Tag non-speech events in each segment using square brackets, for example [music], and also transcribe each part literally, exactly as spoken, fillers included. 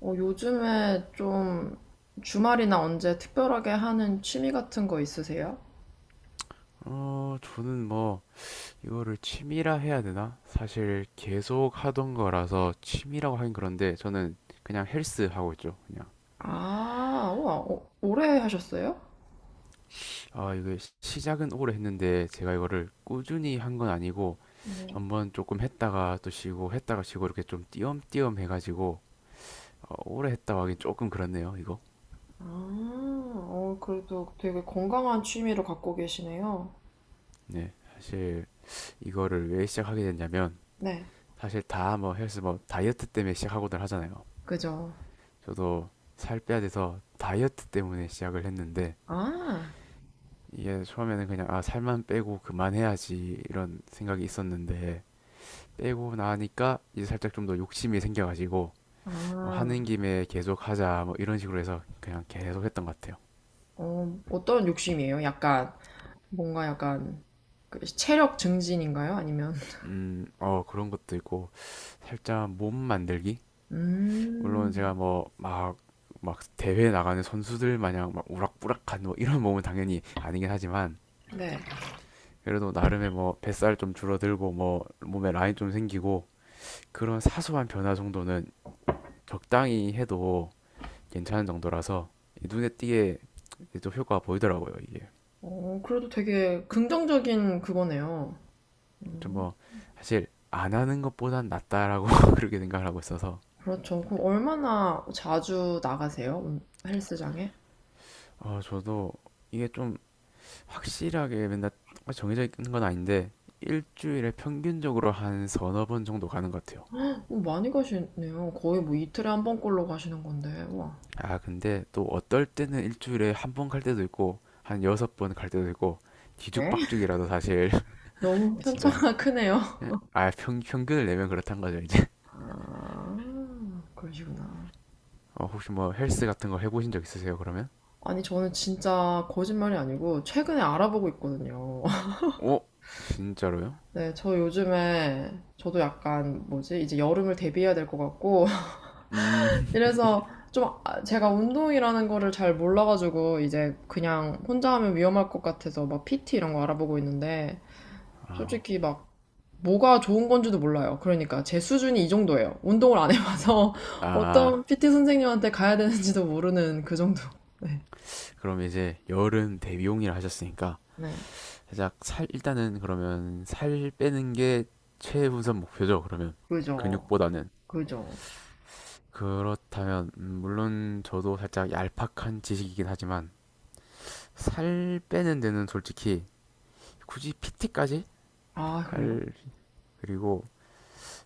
어, 요즘에 좀 주말이나 언제 특별하게 하는 취미 같은 거 있으세요? 어, 저는 뭐, 이거를 취미라 해야 되나? 사실 계속 하던 거라서 취미라고 하긴 그런데 저는 그냥 헬스 하고 있죠. 그냥. 아, 우와, 어, 오래 하셨어요? 아, 이게 시- 시작은 오래 했는데 제가 이거를 꾸준히 한 건 아니고 네. 한번 조금 했다가 또 쉬고 했다가 쉬고 이렇게 좀 띄엄띄엄 해가지고 어, 오래 했다고 하긴 조금 그렇네요, 이거. 아, 어, 그래도 되게 건강한 취미를 갖고 계시네요. 네. 사실 이거를 왜 시작하게 됐냐면 네, 사실 다 뭐 헬스 뭐 다이어트 때문에 시작하고들 하잖아요. 그죠. 저도 살 빼야 돼서 다이어트 때문에 시작을 했는데 아, 이게 처음에는 그냥 아 살만 빼고 그만해야지 이런 생각이 있었는데 빼고 나니까 이제 살짝 좀 더 욕심이 생겨가지고 어, 아, 하는 김에 계속 하자 뭐 이런 식으로 해서 그냥 계속 했던 것 같아요. 어, 어떤 욕심이에요? 약간, 뭔가 약간, 그 체력 증진인가요? 아니면, 음, 어 그런 것도 있고 살짝 몸 만들기? 음, 물론 제가 뭐 막 막 대회 나가는 선수들 마냥 막 우락부락한 뭐 이런 몸은 당연히 아니긴 하지만 네. 그래도 나름의 뭐 뱃살 좀 줄어들고 뭐 몸에 라인 좀 생기고 그런 사소한 변화 정도는 적당히 해도 괜찮은 정도라서 눈에 띄게 또 효과가 보이더라고요 이게. 어, 그래도 되게 긍정적인 그거네요. 좀 음. 뭐 사실 안 하는 것보단 낫다라고 [laughs] 그렇게 생각을 하고 있어서 그렇죠. 그럼 얼마나 자주 나가세요? 음, 헬스장에? 어 저도 이게 좀 확실하게 맨날 정해져 있는 건 아닌데 일주일에 평균적으로 한 서너 번 정도 가는 것 같아요. 오, 많이 가시네요. 거의 뭐 이틀에 한 번꼴로 가시는 건데, 와. 아, 근데 또 어떨 때는 일주일에 한 번 갈 때도 있고, 한 여섯 번 갈 때도 있고, 네? 뒤죽박죽이라도 사실, 너무 [laughs] [laughs] 진짜. 편차가 크네요. 예, 아, 평, 평균을 내면 그렇단 거죠, 이제. [laughs] 아, 그러시구나. 어, 혹시 뭐 헬스 같은 거 해보신 적 있으세요, 그러면? 아니, 저는 진짜 거짓말이 아니고 최근에 알아보고 있거든요. [laughs] 어? 진짜로요? 네, 저 요즘에 저도 약간 뭐지? 이제 여름을 대비해야 될 것 같고 [laughs] 음, 이래서 좀 아- 제가 운동이라는 거를 잘 몰라가지고 이제 그냥 혼자 하면 위험할 것 같아서 막 피티 이런 거 알아보고 있는데 아, 솔직히 막 뭐가 좋은 건지도 몰라요. 그러니까 제 수준이 이 정도예요. 운동을 안 해봐서 [laughs] 아, 어떤 피티 선생님한테 가야 되는지도 모르는 그 정도. [laughs] 네. 그럼 이제 여름 대비용이라 하셨으니까, 네. 살짝 살, 일단은 그러면 살 빼는 게 최우선 목표죠, 그러면. 그죠. 근육보다는. 그죠. 그렇다면 음, 물론 저도 살짝 얄팍한 지식이긴 하지만 살 빼는 데는 솔직히 굳이 피티까지 아, 할. 그래요? 그리고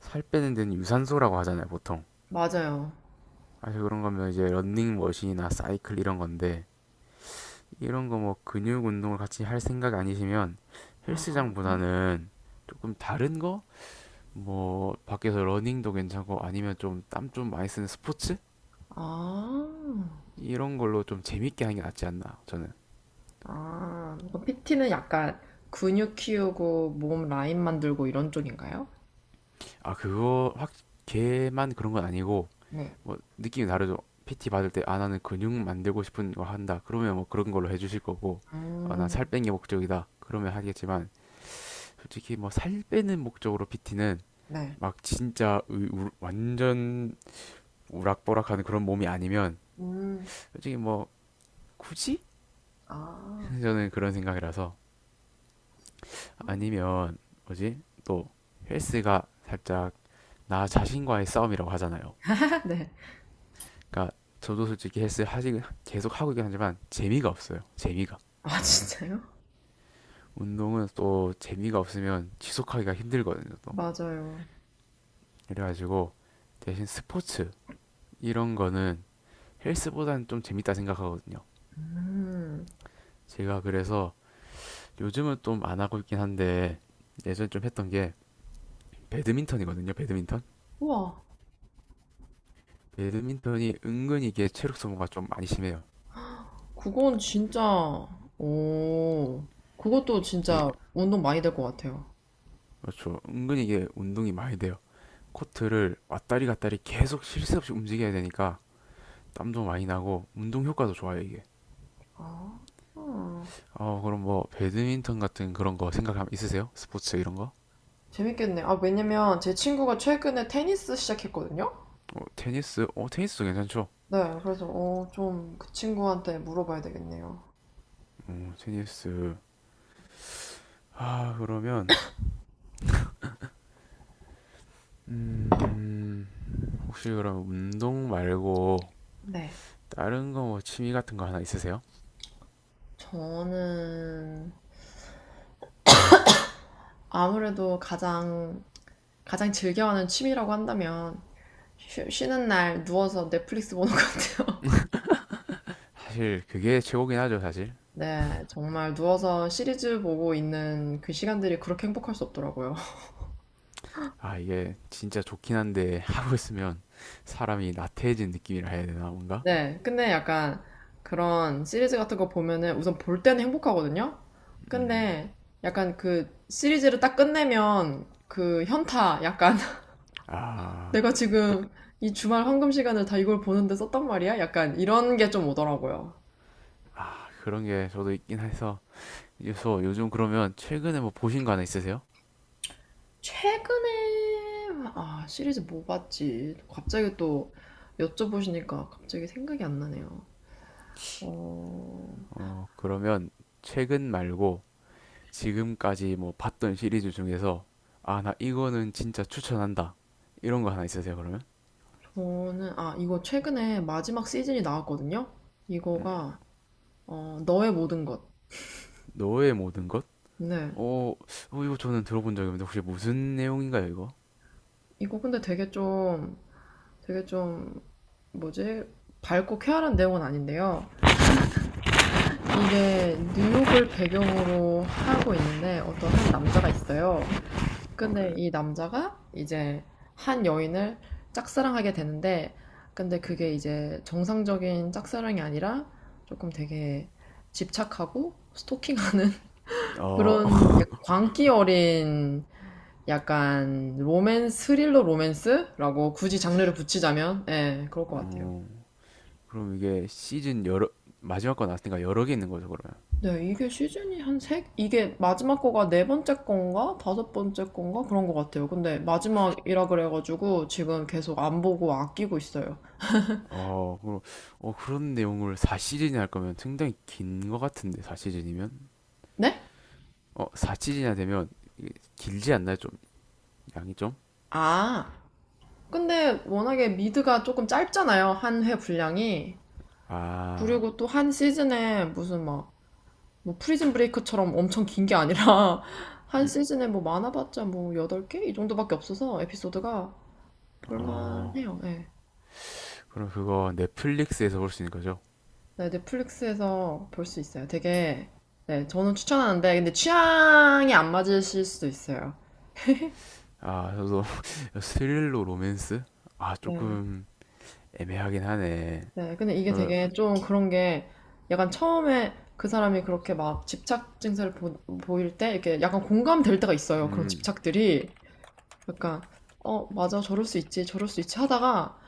살 빼는 데는 유산소라고 하잖아요 보통. 맞아요. 사실 그런 거면 이제 런닝머신이나 사이클 이런 건데 이런 거 뭐 근육 운동을 같이 할 생각 아니시면 아, 헬스장보다는 조금 다른 거? 뭐 밖에서 러닝도 괜찮고 아니면 좀 땀 좀 많이 쓰는 스포츠? 아, 이런 걸로 좀 재밌게 하는 게 낫지 않나 저는. 아. 피티는 약간 근육 키우고 몸 라인 만들고 이런 쪽인가요? 아, 그거 확 걔만 그런 건 아니고 네. 뭐 느낌이 다르죠. 피티 받을 때 아 나는 근육 만들고 싶은 거 한다. 그러면 뭐 그런 걸로 해주실 거고 아, 나살 음, 빼는 게 목적이다. 그러면 하겠지만 솔직히 뭐 살 빼는 목적으로 피티는 네. 막 진짜 의- 우- 완전 우락부락하는 그런 몸이 아니면 음, 솔직히 뭐 굳이. 아. [laughs] 저는 그런 생각이라서 아니면 뭐지 또 헬스가 살짝 나 자신과의 싸움이라고 하잖아요. [laughs] 네. 그러니까 저도 솔직히 헬스 하지 계속 하고 있긴 하지만 재미가 없어요. 재미가. 아, 진짜요? 운동은 또 재미가 없으면 지속하기가 힘들거든요, 또. 맞아요. 그래가지고 대신 스포츠 이런 거는 헬스보다는 좀 재밌다 생각하거든요. 음. 제가 그래서 요즘은 좀 안 하고 있긴 한데 예전에 좀 했던 게 배드민턴이거든요, 배드민턴. 우와. 배드민턴이 은근히 이게 체력 소모가 좀 많이 심해요. 그건 진짜, 오, 그것도 이게 진짜 운동 많이 될 것 같아요. 그렇죠. 은근히 이게 운동이 많이 돼요. 코트를 왔다리 갔다리 계속 쉴 새 없이 움직여야 되니까 땀도 많이 나고 운동 효과도 좋아요 이게. 아, 음, 어 그럼 뭐 배드민턴 같은 그런 거 생각 있으세요? 스포츠 이런 거? 재밌겠네. 아, 왜냐면 제 친구가 최근에 테니스 시작했거든요? 어 테니스? 어 테니스도 괜찮죠? 네, 그래서, 어, 좀 그 친구한테 물어봐야 되겠네요. 어 테니스. 아 그러면 음 혹시 그럼 운동 말고 네. 다른 거 뭐 취미 같은 거 하나 있으세요? 저는 아무래도 가장, 가장 즐겨하는 취미라고 한다면, 쉬, 쉬는 날 누워서 넷플릭스 보는 것 같아요. 사실 그게 최고긴 하죠 사실. [laughs] 네, 정말 누워서 시리즈 보고 있는 그 시간들이 그렇게 행복할 수 없더라고요. 아 이게 진짜 좋긴 한데 [laughs] 하고 있으면 사람이 나태해진 느낌이라 해야 되나 뭔가? 네, 근데 약간 그런 시리즈 같은 거 보면은 우선 볼 때는 행복하거든요? 음 근데 약간 그 시리즈를 딱 끝내면 그 현타, 약간 [laughs] 아 내가 그, 지금 이 주말 황금 시간을 다 이걸 보는데 썼단 말이야? 약간 이런 게 좀 오더라고요. 그런 게 저도 있긴 해서 그래서 요즘 그러면 최근에 뭐 보신 거 하나 있으세요? 최근에, 아, 시리즈 뭐 봤지? 갑자기 또 여쭤보시니까 갑자기 생각이 안 나네요. 어, 어, 그러면 최근 말고 지금까지 뭐 봤던 시리즈 중에서 아, 나 이거는 진짜 추천한다. 이런 거 하나 있으세요, 그러면? 저는, 아, 이거 최근에 마지막 시즌이 나왔거든요? 음, 이거가 어, 너의 모든 것. 너의 모든 것? 네. 어, 어, 이거 저는 들어본 적이 없는데 혹시 무슨 내용인가요, 이거? 이거 근데 되게 좀, 되게 좀, 뭐지? 밝고 쾌활한 내용은 아닌데요. 음, 이게 뉴욕을 배경으로 하고 어, 있는데 어떤 한 남자가 있어요. 어, 근데 이 남자가 이제 한 여인을 짝사랑하게 되는데, 근데 음. 그게 이제 정상적인 짝사랑이 아니라 조금 되게 집착하고 스토킹하는 [laughs] 어, 그런 광기 어린 약간 로맨스, 스릴러 로맨스라고 굳이 장르를 [laughs] 붙이자면 예, 그럴 것 같아요. 어, 그럼 이게 시즌 여러, 마지막 거 나왔으니까 여러 개 있는 거죠, 그러면? 네, 이게 시즌이 한 세, 이게 마지막 거가 네 번째 건가? 다섯 번째 건가? 그런 것 같아요. 근데 마지막이라 그래가지고 지금 계속 안 보고 아끼고 있어요. 어, 그럼, 어, 그런 내용을 사 시즌이나 할 거면 상당히 긴 것 같은데, 사 시즌이면? 네? 어, 사 시즌이나 되면 이게 길지 않나요? 좀, 양이 좀? 아, 근데 워낙에 미드가 조금 짧잖아요. 한 회 분량이. 아, 그리고 또 한 시즌에 무슨 막 뭐 프리즌 브레이크처럼 엄청 긴 게 아니라 [laughs] 한 음, 시즌에 뭐 많아봤자 뭐 여덟 개? 이 정도밖에 없어서 에피소드가 어, 볼만해요. 네. 그럼 그거 넷플릭스에서 볼 수 있는 거죠? 네, 넷플릭스에서 볼 수 있어요. 되게 네, 저는 추천하는데 근데 취향이 안 맞으실 수도 있어요. 아, 저도 [laughs] 스릴로 로맨스? 아, 네. 조금 애매하긴 하네. 네, 근데 이게 어, 되게 후- 좀 그런 게 약간 처음에 그 사람이 그렇게 막 집착 증세를 보, 보일 때 이렇게 약간 공감될 때가 있어요. 그런 음, 집착들이. 약간 어 맞아 저럴 수 있지 저럴 수 있지 하다가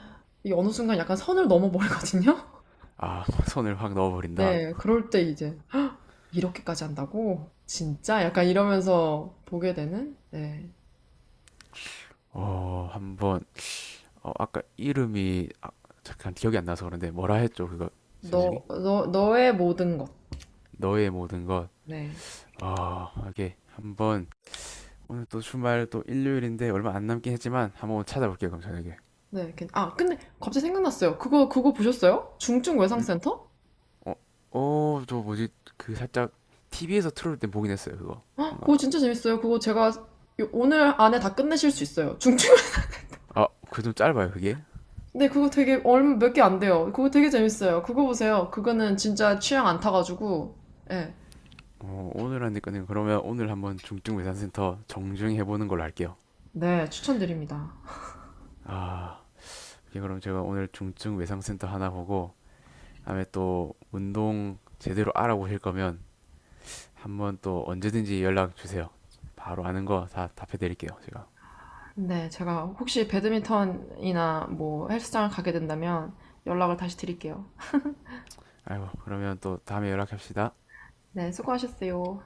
이 어느 순간 약간 선을 넘어버리거든요. 아, [laughs] 손을 확 [laughs] 넣어버린다. 네, 그럴 때 이제 이렇게까지 한다고? 진짜? 약간 이러면서 보게 되는? 네. 어, 한번, 어, 아까 이름이, 아, 잠깐 기억이 안 나서 그런데, 뭐라 했죠, 그거, 제목이? 너, 너, 너의 모든 것. 너의 모든 것. 네. 케이 한번 오늘 또 주말 또 일요일인데 얼마 안 남긴 했지만 한번 찾아볼게요, 그럼 저녁에. 네. 괜- 아, 근데 갑자기 생각났어요. 그거, 그거 보셨어요? 중증 음? 외상센터? 어, 어, 저 뭐지? 그 살짝 티비에서 틀어올 때 보긴 했어요, 그거. 아, 그거 뭔가. 진짜 재밌어요. 그거 제가 요- 오늘 안에 다 끝내실 수 있어요. 중증. 아, 그 좀 짧아요, 그게? [laughs] 네, 그거 되게 얼마 몇 개 안 돼요. 그거 되게 재밌어요. 그거 보세요. 그거는 진짜 취향 안 타가지고. 예. 어, 오늘 하니까는 그러면 오늘 한번 중증 외상센터 정중히 해보는 걸로 할게요. 네, 추천드립니다. 아, 이 그럼 제가 오늘 중증 외상센터 하나 보고 다음에 또 운동 제대로 알아보실 거면 한번 또 언제든지 연락 주세요. 바로 아는 거 다 답해드릴게요, 제가. 네, 제가 혹시 배드민턴이나 뭐 헬스장을 가게 된다면 연락을 다시 드릴게요. 아이고 그러면 또 다음에 연락합시다. 네, 수고하셨어요.